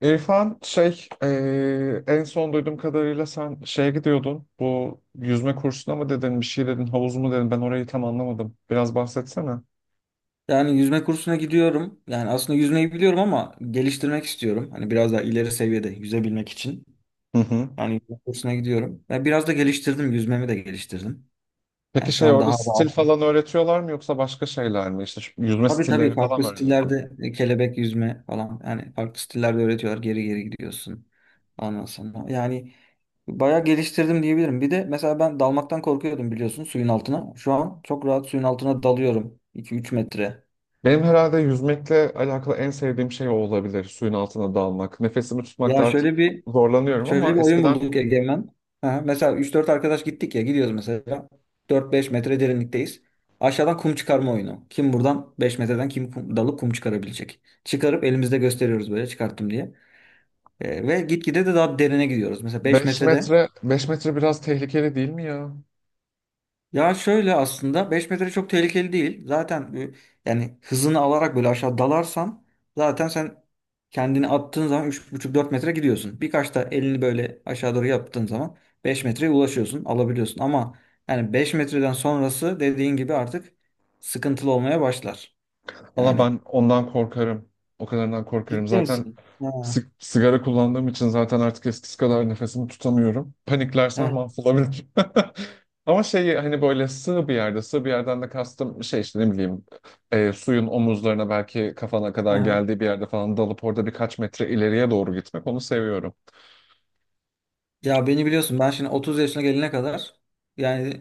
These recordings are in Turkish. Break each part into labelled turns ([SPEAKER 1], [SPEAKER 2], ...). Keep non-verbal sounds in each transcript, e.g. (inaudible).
[SPEAKER 1] İrfan şey en son duyduğum kadarıyla sen şeye gidiyordun, bu yüzme kursuna mı dedin bir şey dedin, havuz mu dedin, ben orayı tam anlamadım, biraz bahsetsene.
[SPEAKER 2] Yani yüzme kursuna gidiyorum. Yani aslında yüzmeyi biliyorum ama geliştirmek istiyorum. Hani biraz daha ileri seviyede yüzebilmek için.
[SPEAKER 1] Hı hı.
[SPEAKER 2] Yani yüzme kursuna gidiyorum. Ve biraz da geliştirdim. Yüzmemi de geliştirdim.
[SPEAKER 1] Peki
[SPEAKER 2] Yani şu
[SPEAKER 1] şey
[SPEAKER 2] an
[SPEAKER 1] orada
[SPEAKER 2] daha
[SPEAKER 1] stil
[SPEAKER 2] rahat.
[SPEAKER 1] falan öğretiyorlar mı yoksa başka şeyler mi, İşte şu yüzme
[SPEAKER 2] Tabii tabii
[SPEAKER 1] stilleri falan
[SPEAKER 2] farklı
[SPEAKER 1] mı öğreniyorsunuz?
[SPEAKER 2] stillerde kelebek yüzme falan. Yani farklı stillerde öğretiyorlar. Geri geri gidiyorsun. Ondan sonra. Yani bayağı geliştirdim diyebilirim. Bir de mesela ben dalmaktan korkuyordum biliyorsun suyun altına. Şu an çok rahat suyun altına dalıyorum. 2-3 metre.
[SPEAKER 1] Benim herhalde yüzmekle alakalı en sevdiğim şey o olabilir, suyun altına dalmak. Nefesimi tutmakta
[SPEAKER 2] Ya
[SPEAKER 1] artık
[SPEAKER 2] şöyle bir
[SPEAKER 1] zorlanıyorum
[SPEAKER 2] Şöyle bir
[SPEAKER 1] ama
[SPEAKER 2] oyun
[SPEAKER 1] eskiden,
[SPEAKER 2] bulduk Egemen. Aha, mesela üç dört arkadaş gittik ya gidiyoruz mesela. Dört beş metre derinlikteyiz. Aşağıdan kum çıkarma oyunu. Kim buradan 5 metreden kim kum, dalıp kum çıkarabilecek. Çıkarıp elimizde gösteriyoruz böyle çıkarttım diye. Ve gitgide de daha derine gidiyoruz. Mesela 5
[SPEAKER 1] beş
[SPEAKER 2] metrede
[SPEAKER 1] metre 5 metre biraz tehlikeli değil mi ya?
[SPEAKER 2] Ya şöyle aslında 5 metre çok tehlikeli değil. Zaten yani hızını alarak böyle aşağı dalarsan zaten sen kendini attığın zaman üç buçuk dört metre gidiyorsun. Birkaç da elini böyle aşağı doğru yaptığın zaman 5 metreye ulaşıyorsun, alabiliyorsun. Ama yani 5 metreden sonrası dediğin gibi artık sıkıntılı olmaya başlar.
[SPEAKER 1] Valla
[SPEAKER 2] Yani.
[SPEAKER 1] ben ondan korkarım. O kadarından korkarım.
[SPEAKER 2] Ciddi
[SPEAKER 1] Zaten
[SPEAKER 2] misin? Ha,
[SPEAKER 1] sigara kullandığım için zaten artık eskisi kadar nefesimi tutamıyorum. Paniklersem
[SPEAKER 2] ha,
[SPEAKER 1] mahvolabilirim. (laughs) Ama şey hani böyle sığ bir yerde, sığ bir yerden de kastım şey işte ne bileyim, suyun omuzlarına belki kafana kadar
[SPEAKER 2] ha.
[SPEAKER 1] geldiği bir yerde falan dalıp orada birkaç metre ileriye doğru gitmek, onu seviyorum.
[SPEAKER 2] Ya beni biliyorsun ben şimdi 30 yaşına gelene kadar yani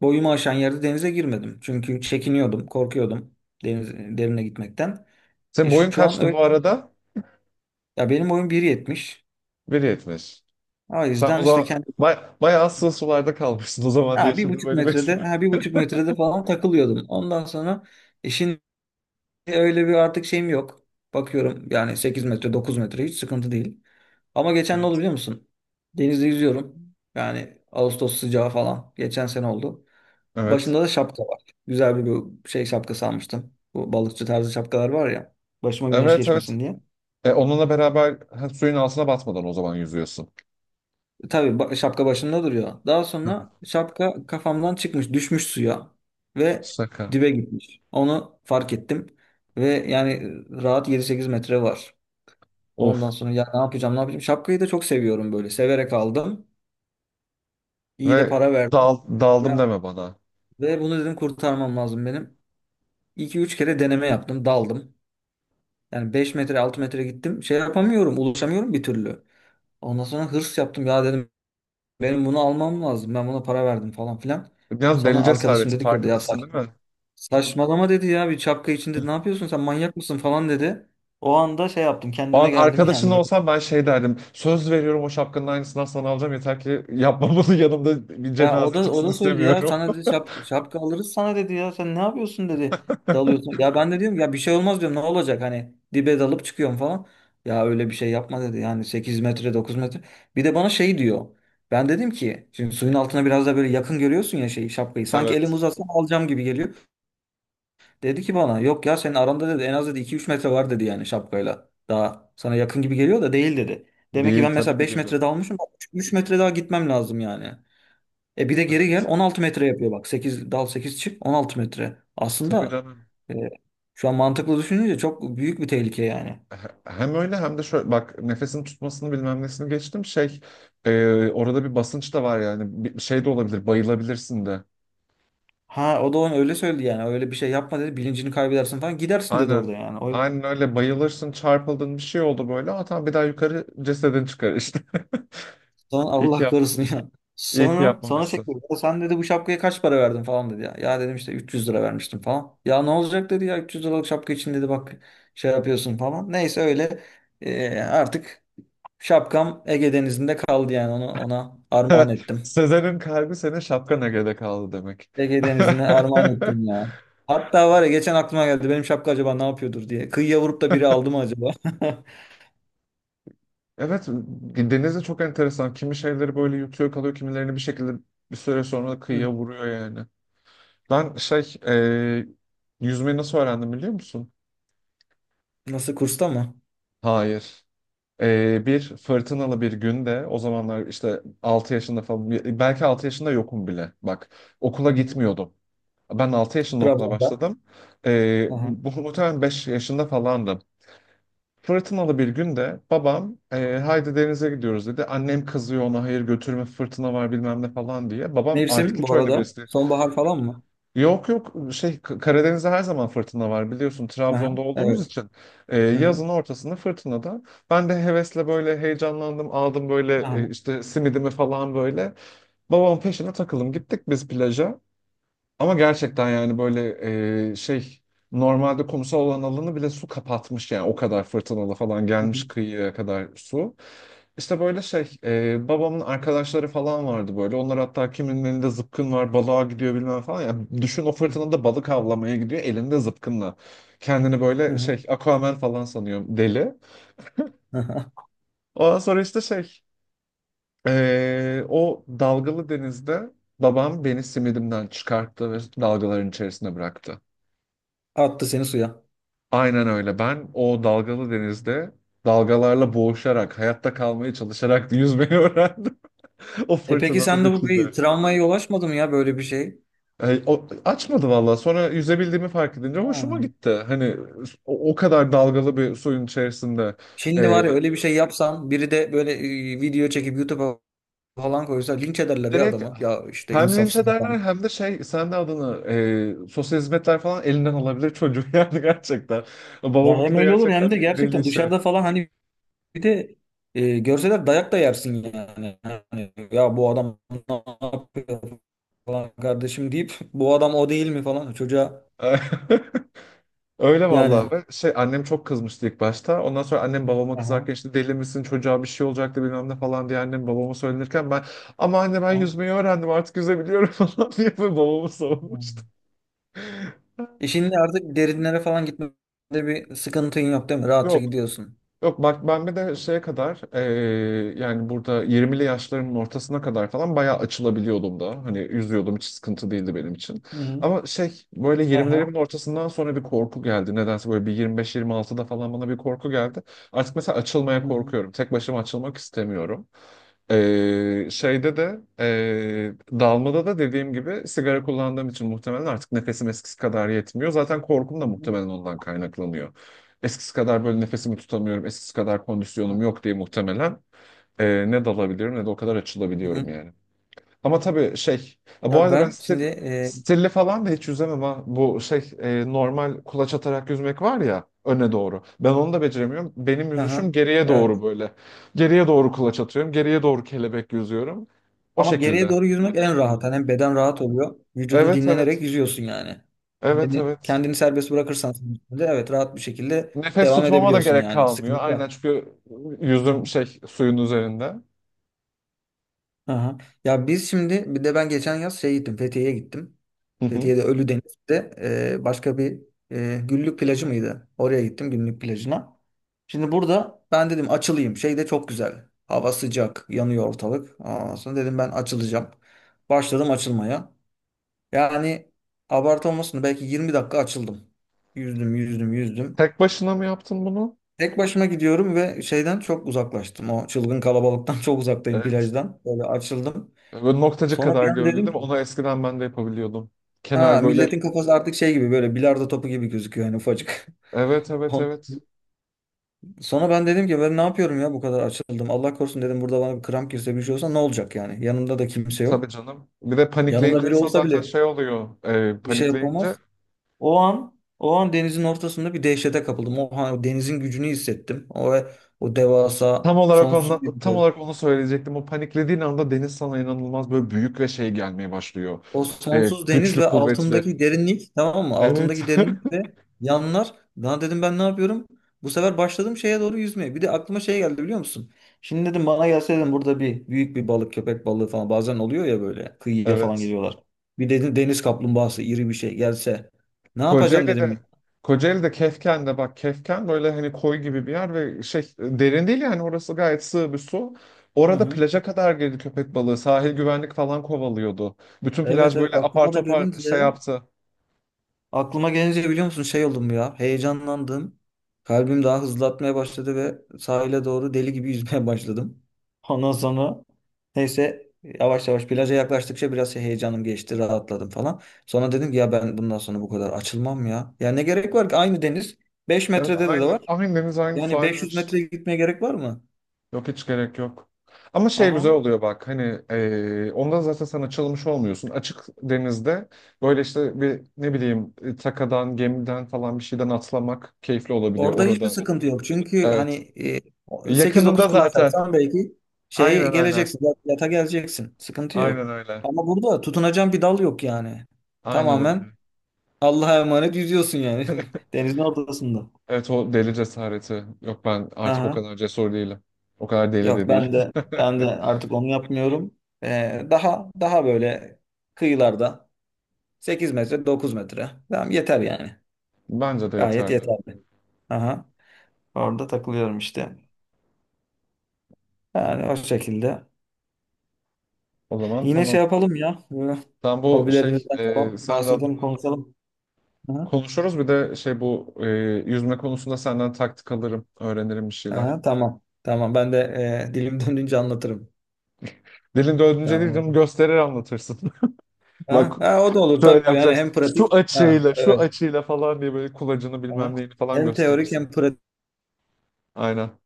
[SPEAKER 2] boyumu aşan yerde denize girmedim. Çünkü çekiniyordum, korkuyordum deniz derine gitmekten.
[SPEAKER 1] Senin
[SPEAKER 2] E
[SPEAKER 1] boyun
[SPEAKER 2] şu an
[SPEAKER 1] kaçtı
[SPEAKER 2] öyle.
[SPEAKER 1] bu arada?
[SPEAKER 2] Ya benim boyum bir yetmiş.
[SPEAKER 1] 1.70.
[SPEAKER 2] O
[SPEAKER 1] Sen o
[SPEAKER 2] yüzden işte
[SPEAKER 1] zaman
[SPEAKER 2] kendi
[SPEAKER 1] bayağı sığ sularda kalmışsın o zaman diye
[SPEAKER 2] Ha, bir
[SPEAKER 1] şimdi
[SPEAKER 2] buçuk
[SPEAKER 1] böyle
[SPEAKER 2] metrede
[SPEAKER 1] besliyorum.
[SPEAKER 2] falan takılıyordum. Ondan sonra şimdi öyle bir artık şeyim yok. Bakıyorum yani 8 metre 9 metre hiç sıkıntı değil. Ama geçen ne oldu
[SPEAKER 1] Evet.
[SPEAKER 2] biliyor musun? Denizde yüzüyorum. Yani Ağustos sıcağı falan. Geçen sene oldu.
[SPEAKER 1] Evet.
[SPEAKER 2] Başımda da şapka var. Güzel bir bu şey şapkası almıştım. Bu balıkçı tarzı şapkalar var ya. Başıma güneş
[SPEAKER 1] Evet evet.
[SPEAKER 2] geçmesin diye.
[SPEAKER 1] E, onunla beraber ha, suyun altına batmadan o zaman yüzüyorsun.
[SPEAKER 2] Tabii şapka başımda duruyor. Daha
[SPEAKER 1] Hı hı.
[SPEAKER 2] sonra şapka kafamdan çıkmış, düşmüş suya ve
[SPEAKER 1] Şaka.
[SPEAKER 2] dibe gitmiş. Onu fark ettim ve yani rahat 7-8 metre var. Ondan
[SPEAKER 1] Of.
[SPEAKER 2] sonra ya ne yapacağım, ne yapacağım? Şapkayı da çok seviyorum böyle. Severek aldım. İyi de
[SPEAKER 1] Ve
[SPEAKER 2] para verdim.
[SPEAKER 1] daldım
[SPEAKER 2] Ya
[SPEAKER 1] deme bana.
[SPEAKER 2] ve bunu dedim kurtarmam lazım benim. 2 üç kere deneme yaptım, daldım. Yani 5-6 metre gittim. Şey yapamıyorum. Ulaşamıyorum bir türlü. Ondan sonra hırs yaptım. Ya dedim benim bunu almam lazım. Ben buna para verdim falan filan.
[SPEAKER 1] Biraz
[SPEAKER 2] Sonra
[SPEAKER 1] deli
[SPEAKER 2] arkadaşım
[SPEAKER 1] cesareti,
[SPEAKER 2] dedi ki orada ya
[SPEAKER 1] farkındasın değil mi?
[SPEAKER 2] saçmalama dedi ya bir şapka içinde ne yapıyorsun sen manyak mısın falan dedi. O anda şey yaptım
[SPEAKER 1] O an
[SPEAKER 2] kendime geldim (laughs)
[SPEAKER 1] arkadaşın
[SPEAKER 2] yani.
[SPEAKER 1] olsam ben şey derdim: söz veriyorum, o şapkanın aynısından sana alacağım. Yeter ki yapma bunu, yanımda bir
[SPEAKER 2] Ya o
[SPEAKER 1] cenaze
[SPEAKER 2] da o
[SPEAKER 1] çıksın
[SPEAKER 2] da söyledi ya
[SPEAKER 1] istemiyorum.
[SPEAKER 2] sana dedi şapka alırız sana dedi ya sen ne yapıyorsun dedi dalıyorsun.
[SPEAKER 1] (laughs)
[SPEAKER 2] Ya ben de diyorum ya bir şey olmaz diyorum ne olacak hani dibe dalıp çıkıyorum falan. Ya öyle bir şey yapma dedi yani 8-9 metre. Bir de bana şey diyor. Ben dedim ki şimdi suyun altına biraz da böyle yakın görüyorsun ya şeyi şapkayı. Sanki elim
[SPEAKER 1] Evet.
[SPEAKER 2] uzatsam alacağım gibi geliyor. Dedi ki bana yok ya senin aranda dedi en az dedi 2-3 metre var dedi yani şapkayla. Daha sana yakın gibi geliyor da değil dedi. Demek ki
[SPEAKER 1] Değil
[SPEAKER 2] ben
[SPEAKER 1] tabii
[SPEAKER 2] mesela
[SPEAKER 1] ki
[SPEAKER 2] 5
[SPEAKER 1] değilim.
[SPEAKER 2] metre dalmışım 3 metre daha gitmem lazım yani. E bir de geri gel
[SPEAKER 1] Evet.
[SPEAKER 2] 16 metre yapıyor bak. 8 dal 8 çık 16 metre.
[SPEAKER 1] Tabii
[SPEAKER 2] Aslında
[SPEAKER 1] canım.
[SPEAKER 2] e, şu an mantıklı düşününce çok büyük bir tehlike yani.
[SPEAKER 1] Hem öyle hem de şöyle bak, nefesini tutmasını bilmem nesini geçtim şey, orada bir basınç da var yani, bir şey de olabilir, bayılabilirsin de.
[SPEAKER 2] Ha o da onu öyle söyledi yani. Öyle bir şey yapma dedi. Bilincini kaybedersin falan. Gidersin dedi
[SPEAKER 1] Aynen.
[SPEAKER 2] orada yani. O yüzden
[SPEAKER 1] Aynen öyle, bayılırsın, çarpıldın, bir şey oldu böyle. Atan bir daha yukarı, cesedin çıkar işte. (laughs)
[SPEAKER 2] sana
[SPEAKER 1] İyi ki
[SPEAKER 2] Allah
[SPEAKER 1] yap,
[SPEAKER 2] korusun ya.
[SPEAKER 1] iyi ki
[SPEAKER 2] Sonra şey
[SPEAKER 1] yapmamışsın.
[SPEAKER 2] dedi. "Ya sen dedi bu şapkaya kaç para verdin falan dedi ya." Ya dedim işte 300 lira vermiştim falan. Ya ne olacak dedi ya 300 liralık şapka için dedi bak şey yapıyorsun falan. Neyse öyle artık şapkam Ege Denizi'nde kaldı yani onu ona armağan
[SPEAKER 1] (laughs)
[SPEAKER 2] ettim.
[SPEAKER 1] Sezer'in kalbi senin şapkana geride kaldı demek.
[SPEAKER 2] Ege Denizi'ne armağan ettim
[SPEAKER 1] (laughs)
[SPEAKER 2] ya. Hatta var ya geçen aklıma geldi benim şapka acaba ne yapıyordur diye. Kıyıya vurup da biri aldı mı acaba? (laughs)
[SPEAKER 1] Evet, denize çok enteresan. Kimi şeyleri böyle yutuyor kalıyor, kimilerini bir şekilde bir süre sonra da
[SPEAKER 2] Hı.
[SPEAKER 1] kıyıya vuruyor yani. Ben şey, yüzmeyi nasıl öğrendim biliyor musun?
[SPEAKER 2] Nasıl, kursta mı?
[SPEAKER 1] Hayır. Bir fırtınalı bir günde, o zamanlar işte 6 yaşında falan, belki 6 yaşında yokum bile bak, okula
[SPEAKER 2] Hı.
[SPEAKER 1] gitmiyordum. Ben 6 yaşında okula
[SPEAKER 2] Trabzon'da.
[SPEAKER 1] başladım.
[SPEAKER 2] Aha.
[SPEAKER 1] Bu muhtemelen 5 yaşında falandım. Fırtınalı bir günde babam, haydi denize gidiyoruz dedi. Annem kızıyor ona, hayır götürme fırtına var bilmem ne falan diye. Babam artık
[SPEAKER 2] Mevsim
[SPEAKER 1] hiç
[SPEAKER 2] bu
[SPEAKER 1] öyle
[SPEAKER 2] arada.
[SPEAKER 1] birisi.
[SPEAKER 2] Sonbahar falan mı?
[SPEAKER 1] Yok yok şey, Karadeniz'de her zaman fırtına var biliyorsun,
[SPEAKER 2] Aha.
[SPEAKER 1] Trabzon'da olduğumuz
[SPEAKER 2] Evet.
[SPEAKER 1] için.
[SPEAKER 2] Hı-hı.
[SPEAKER 1] Yazın ortasında fırtınada ben de hevesle böyle heyecanlandım, aldım böyle
[SPEAKER 2] Aha.
[SPEAKER 1] işte simidimi falan böyle, babamın peşine takılım gittik biz plaja, ama gerçekten yani böyle şey, normalde kumsal olan alanı bile su kapatmış yani, o kadar fırtınalı falan gelmiş
[SPEAKER 2] Hı-hı.
[SPEAKER 1] kıyıya kadar su, işte böyle şey, babamın arkadaşları falan vardı böyle. Onlar hatta kimin elinde zıpkın var, balığa gidiyor bilmem falan. Ya düşün, o fırtınada balık avlamaya gidiyor elinde zıpkınla. Kendini böyle
[SPEAKER 2] Hı-hı.
[SPEAKER 1] şey, Aquaman falan sanıyor deli.
[SPEAKER 2] Hı-hı.
[SPEAKER 1] Ondan sonra işte şey, o dalgalı denizde babam beni simidimden çıkarttı ve dalgaların içerisine bıraktı.
[SPEAKER 2] (laughs) Attı seni suya.
[SPEAKER 1] Aynen öyle. Ben o dalgalı denizde dalgalarla boğuşarak, hayatta kalmaya çalışarak yüzmeyi öğrendim. (laughs) O
[SPEAKER 2] E peki sen
[SPEAKER 1] fırtınanın
[SPEAKER 2] de bu bir
[SPEAKER 1] içinde.
[SPEAKER 2] travmaya yol açmadı mı ya böyle bir şey?
[SPEAKER 1] Açmadı vallahi. Sonra yüzebildiğimi fark edince hoşuma
[SPEAKER 2] Ha.
[SPEAKER 1] gitti. Hani o, o kadar dalgalı bir suyun içerisinde.
[SPEAKER 2] Şimdi
[SPEAKER 1] E,
[SPEAKER 2] var ya öyle bir şey yapsan biri de böyle video çekip YouTube'a falan koysa linç ederler ya
[SPEAKER 1] direkt
[SPEAKER 2] adamı. Ya işte
[SPEAKER 1] hem linç
[SPEAKER 2] insafsız
[SPEAKER 1] ederler
[SPEAKER 2] adam.
[SPEAKER 1] hem de şey sen de adını, sosyal hizmetler falan elinden alabilir çocuğu (laughs) yani gerçekten.
[SPEAKER 2] Ya
[SPEAKER 1] Babamınki
[SPEAKER 2] hem
[SPEAKER 1] de
[SPEAKER 2] öyle olur
[SPEAKER 1] gerçekten
[SPEAKER 2] hem de
[SPEAKER 1] deli
[SPEAKER 2] gerçekten
[SPEAKER 1] şey.
[SPEAKER 2] dışarıda falan hani bir de görseler dayak da yersin yani. Hani, ya bu adam ne yapıyor falan kardeşim deyip bu adam o değil mi falan çocuğa
[SPEAKER 1] (laughs) Öyle
[SPEAKER 2] yani.
[SPEAKER 1] vallahi, ve şey annem çok kızmıştı ilk başta. Ondan sonra annem babama
[SPEAKER 2] Aha,
[SPEAKER 1] kızarken, işte deli misin çocuğa bir şey olacaktı bilmem ne falan diye annem babama söylenirken ben, ama anne ben
[SPEAKER 2] aha.
[SPEAKER 1] yüzmeyi öğrendim artık yüzebiliyorum (laughs) falan diye böyle babamı savunmuştum.
[SPEAKER 2] İşinde artık derinlere falan gitmede bir sıkıntın yok değil mi? Rahatça
[SPEAKER 1] Yok.
[SPEAKER 2] gidiyorsun.
[SPEAKER 1] Yok bak, ben bir de şeye kadar yani burada 20'li yaşlarımın ortasına kadar falan bayağı açılabiliyordum da. Hani yüzüyordum, hiç sıkıntı değildi benim için.
[SPEAKER 2] Hı hı.
[SPEAKER 1] Ama şey böyle
[SPEAKER 2] Aha.
[SPEAKER 1] 20'lerimin ortasından sonra bir korku geldi. Nedense böyle bir 25-26'da falan bana bir korku geldi. Artık mesela açılmaya
[SPEAKER 2] Hı hı.
[SPEAKER 1] korkuyorum. Tek başıma açılmak istemiyorum. Şeyde de dalmada da dediğim gibi, sigara kullandığım için muhtemelen artık nefesim eskisi kadar yetmiyor. Zaten korkum
[SPEAKER 2] Hı
[SPEAKER 1] da
[SPEAKER 2] hı.
[SPEAKER 1] muhtemelen ondan kaynaklanıyor. Eskisi kadar böyle nefesimi tutamıyorum, eskisi kadar kondisyonum yok diye muhtemelen ne dalabilirim, ne de o kadar
[SPEAKER 2] Hı
[SPEAKER 1] açılabiliyorum
[SPEAKER 2] hı.
[SPEAKER 1] yani. Ama tabii şey, ha, bu
[SPEAKER 2] Ya
[SPEAKER 1] arada ben
[SPEAKER 2] ben şimdi
[SPEAKER 1] stilli falan da hiç yüzemem ha. Bu şey normal kulaç atarak yüzmek var ya öne doğru. Ben onu da beceremiyorum. Benim
[SPEAKER 2] aha,
[SPEAKER 1] yüzüşüm geriye
[SPEAKER 2] evet.
[SPEAKER 1] doğru böyle. Geriye doğru kulaç atıyorum, geriye doğru kelebek yüzüyorum. O
[SPEAKER 2] Ama geriye
[SPEAKER 1] şekilde.
[SPEAKER 2] doğru yüzmek en rahat. Hani hem beden rahat oluyor. Vücudun
[SPEAKER 1] Evet
[SPEAKER 2] dinlenerek
[SPEAKER 1] evet.
[SPEAKER 2] yüzüyorsun yani.
[SPEAKER 1] Evet
[SPEAKER 2] Yani
[SPEAKER 1] evet.
[SPEAKER 2] kendini serbest bırakırsan suyun içinde, evet rahat bir şekilde
[SPEAKER 1] Nefes
[SPEAKER 2] devam
[SPEAKER 1] tutmama da
[SPEAKER 2] edebiliyorsun
[SPEAKER 1] gerek
[SPEAKER 2] yani.
[SPEAKER 1] kalmıyor.
[SPEAKER 2] Sıkıntı
[SPEAKER 1] Aynen,
[SPEAKER 2] yok.
[SPEAKER 1] çünkü yüzüm
[SPEAKER 2] Aha.
[SPEAKER 1] şey suyun üzerinde.
[SPEAKER 2] Aha. Ya biz şimdi bir de ben geçen yaz şey gittim Fethiye'ye gittim.
[SPEAKER 1] Hı hı.
[SPEAKER 2] Fethiye'de Ölüdeniz'de başka bir Güllük plajı mıydı? Oraya gittim Güllük plajına. Şimdi burada ben dedim açılayım. Şey de çok güzel. Hava sıcak, yanıyor ortalık. Ondan sonra dedim ben açılacağım. Başladım açılmaya. Yani abartı olmasın da belki 20 dakika açıldım. Yüzdüm, yüzdüm, yüzdüm.
[SPEAKER 1] Tek başına mı yaptın bunu?
[SPEAKER 2] Tek başıma gidiyorum ve şeyden çok uzaklaştım. O çılgın kalabalıktan (laughs) çok uzaktayım
[SPEAKER 1] Evet.
[SPEAKER 2] plajdan. Böyle açıldım.
[SPEAKER 1] Böyle noktacı
[SPEAKER 2] Sonra
[SPEAKER 1] kadar
[SPEAKER 2] bir an
[SPEAKER 1] göründü
[SPEAKER 2] dedim
[SPEAKER 1] değil mi?
[SPEAKER 2] ki
[SPEAKER 1] Onu eskiden ben de yapabiliyordum.
[SPEAKER 2] ha,
[SPEAKER 1] Kenar böyle.
[SPEAKER 2] milletin kafası artık şey gibi böyle bilardo topu gibi gözüküyor yani ufacık.
[SPEAKER 1] Evet
[SPEAKER 2] (laughs)
[SPEAKER 1] evet
[SPEAKER 2] On-
[SPEAKER 1] evet.
[SPEAKER 2] Sonra ben dedim ki ben ne yapıyorum ya bu kadar açıldım. Allah korusun dedim, burada bana bir kramp girse bir şey olsa ne olacak yani. Yanımda da kimse yok.
[SPEAKER 1] Tabii canım. Bir de
[SPEAKER 2] Yanımda
[SPEAKER 1] panikleyince
[SPEAKER 2] biri
[SPEAKER 1] insan
[SPEAKER 2] olsa
[SPEAKER 1] zaten
[SPEAKER 2] bile
[SPEAKER 1] şey oluyor.
[SPEAKER 2] bir şey
[SPEAKER 1] Panikleyince.
[SPEAKER 2] yapamaz. O an denizin ortasında bir dehşete kapıldım. O, denizin gücünü hissettim. O devasa
[SPEAKER 1] Tam olarak ondan,
[SPEAKER 2] sonsuz bir
[SPEAKER 1] tam
[SPEAKER 2] dev-
[SPEAKER 1] olarak onu söyleyecektim. O paniklediğin anda deniz sana inanılmaz böyle büyük ve şey gelmeye başlıyor.
[SPEAKER 2] O sonsuz deniz
[SPEAKER 1] Güçlü,
[SPEAKER 2] ve
[SPEAKER 1] kuvvetli.
[SPEAKER 2] altındaki derinlik tamam mı?
[SPEAKER 1] Evet.
[SPEAKER 2] Altındaki
[SPEAKER 1] (laughs)
[SPEAKER 2] derinlik ve yanlar. Daha dedim ben ne yapıyorum? Bu sefer başladım şeye doğru yüzmeye. Bir de aklıma şey geldi biliyor musun? Şimdi dedim bana gelse dedim burada bir büyük bir balık, köpek balığı falan bazen oluyor ya böyle kıyıya falan
[SPEAKER 1] Evet.
[SPEAKER 2] geliyorlar. Bir dedim deniz kaplumbağası iri bir şey gelse ne yapacağım
[SPEAKER 1] Kocaeli'de
[SPEAKER 2] dedim.
[SPEAKER 1] Kocaeli'de Kefken'de bak, Kefken böyle hani koy gibi bir yer ve şey derin değil yani, orası gayet sığ bir su.
[SPEAKER 2] Hı
[SPEAKER 1] Orada
[SPEAKER 2] hı.
[SPEAKER 1] plaja kadar girdi köpek balığı. Sahil güvenlik falan kovalıyordu. Bütün
[SPEAKER 2] Evet
[SPEAKER 1] plaj
[SPEAKER 2] evet
[SPEAKER 1] böyle apar topar şey yaptı.
[SPEAKER 2] aklıma gelince biliyor musun şey oldum ya. Heyecanlandım. Kalbim daha hızlı atmaya başladı ve sahile doğru deli gibi (laughs) yüzmeye başladım. Ondan sonra neyse yavaş yavaş plaja yaklaştıkça biraz şey heyecanım geçti, rahatladım falan. Sonra dedim ki ya ben bundan sonra bu kadar açılmam ya. Ya ne gerek var ki aynı deniz 5
[SPEAKER 1] Evet,
[SPEAKER 2] metrede de var.
[SPEAKER 1] aynı deniz aynı su
[SPEAKER 2] Yani
[SPEAKER 1] aynı
[SPEAKER 2] 500
[SPEAKER 1] hepsi.
[SPEAKER 2] metre gitmeye gerek var mı?
[SPEAKER 1] Yok hiç gerek yok. Ama şey güzel
[SPEAKER 2] Aha.
[SPEAKER 1] oluyor bak, hani ondan zaten sen açılmış olmuyorsun. Açık denizde böyle işte bir ne bileyim, takadan, gemiden falan bir şeyden atlamak keyifli olabiliyor
[SPEAKER 2] Orada hiçbir
[SPEAKER 1] orada.
[SPEAKER 2] sıkıntı yok. Çünkü
[SPEAKER 1] Evet.
[SPEAKER 2] hani 8-9
[SPEAKER 1] Yakınında
[SPEAKER 2] kulaç
[SPEAKER 1] zaten.
[SPEAKER 2] atsan belki şeye
[SPEAKER 1] Aynen aynen.
[SPEAKER 2] geleceksin. Yata geleceksin. Sıkıntı
[SPEAKER 1] Aynen
[SPEAKER 2] yok.
[SPEAKER 1] öyle.
[SPEAKER 2] Ama burada tutunacağın bir dal yok yani.
[SPEAKER 1] Aynen öyle.
[SPEAKER 2] Tamamen Allah'a emanet yüzüyorsun yani. (laughs) Denizin ortasında.
[SPEAKER 1] Evet, o deli cesareti. Yok, ben artık o
[SPEAKER 2] Aha.
[SPEAKER 1] kadar cesur değilim. O kadar deli de
[SPEAKER 2] Yok
[SPEAKER 1] değilim.
[SPEAKER 2] ben de
[SPEAKER 1] (laughs)
[SPEAKER 2] artık onu yapmıyorum. Daha daha böyle kıyılarda 8-9 metre. Tamam yeter yani.
[SPEAKER 1] Bence de
[SPEAKER 2] Gayet
[SPEAKER 1] yeterli.
[SPEAKER 2] yeterli. Aha. Orada takılıyorum işte. Yani o şekilde.
[SPEAKER 1] O zaman
[SPEAKER 2] Yine şey
[SPEAKER 1] tamam.
[SPEAKER 2] yapalım ya. Böyle
[SPEAKER 1] Ben bu şey
[SPEAKER 2] hobilerimizden falan
[SPEAKER 1] sen de
[SPEAKER 2] bahsedelim,
[SPEAKER 1] adını,
[SPEAKER 2] konuşalım. Aha,
[SPEAKER 1] konuşuruz bir de şey, bu yüzme konusunda senden taktik alırım. Öğrenirim bir şeyler.
[SPEAKER 2] aha, tamam. Tamam. Ben de dilim döndüğünce anlatırım.
[SPEAKER 1] Dilin dördüncü dilim
[SPEAKER 2] Tamam.
[SPEAKER 1] gösterir anlatırsın. (laughs) Bak
[SPEAKER 2] Ha, ha, o da olur
[SPEAKER 1] şöyle
[SPEAKER 2] tabii. Yani
[SPEAKER 1] yapacaksın.
[SPEAKER 2] hem
[SPEAKER 1] Şu
[SPEAKER 2] pratik. Ha,
[SPEAKER 1] açıyla şu
[SPEAKER 2] evet.
[SPEAKER 1] açıyla falan diye böyle kulacını
[SPEAKER 2] Aha.
[SPEAKER 1] bilmem neyini falan
[SPEAKER 2] Hem teorik
[SPEAKER 1] gösterirsin.
[SPEAKER 2] hem pratik.
[SPEAKER 1] Aynen.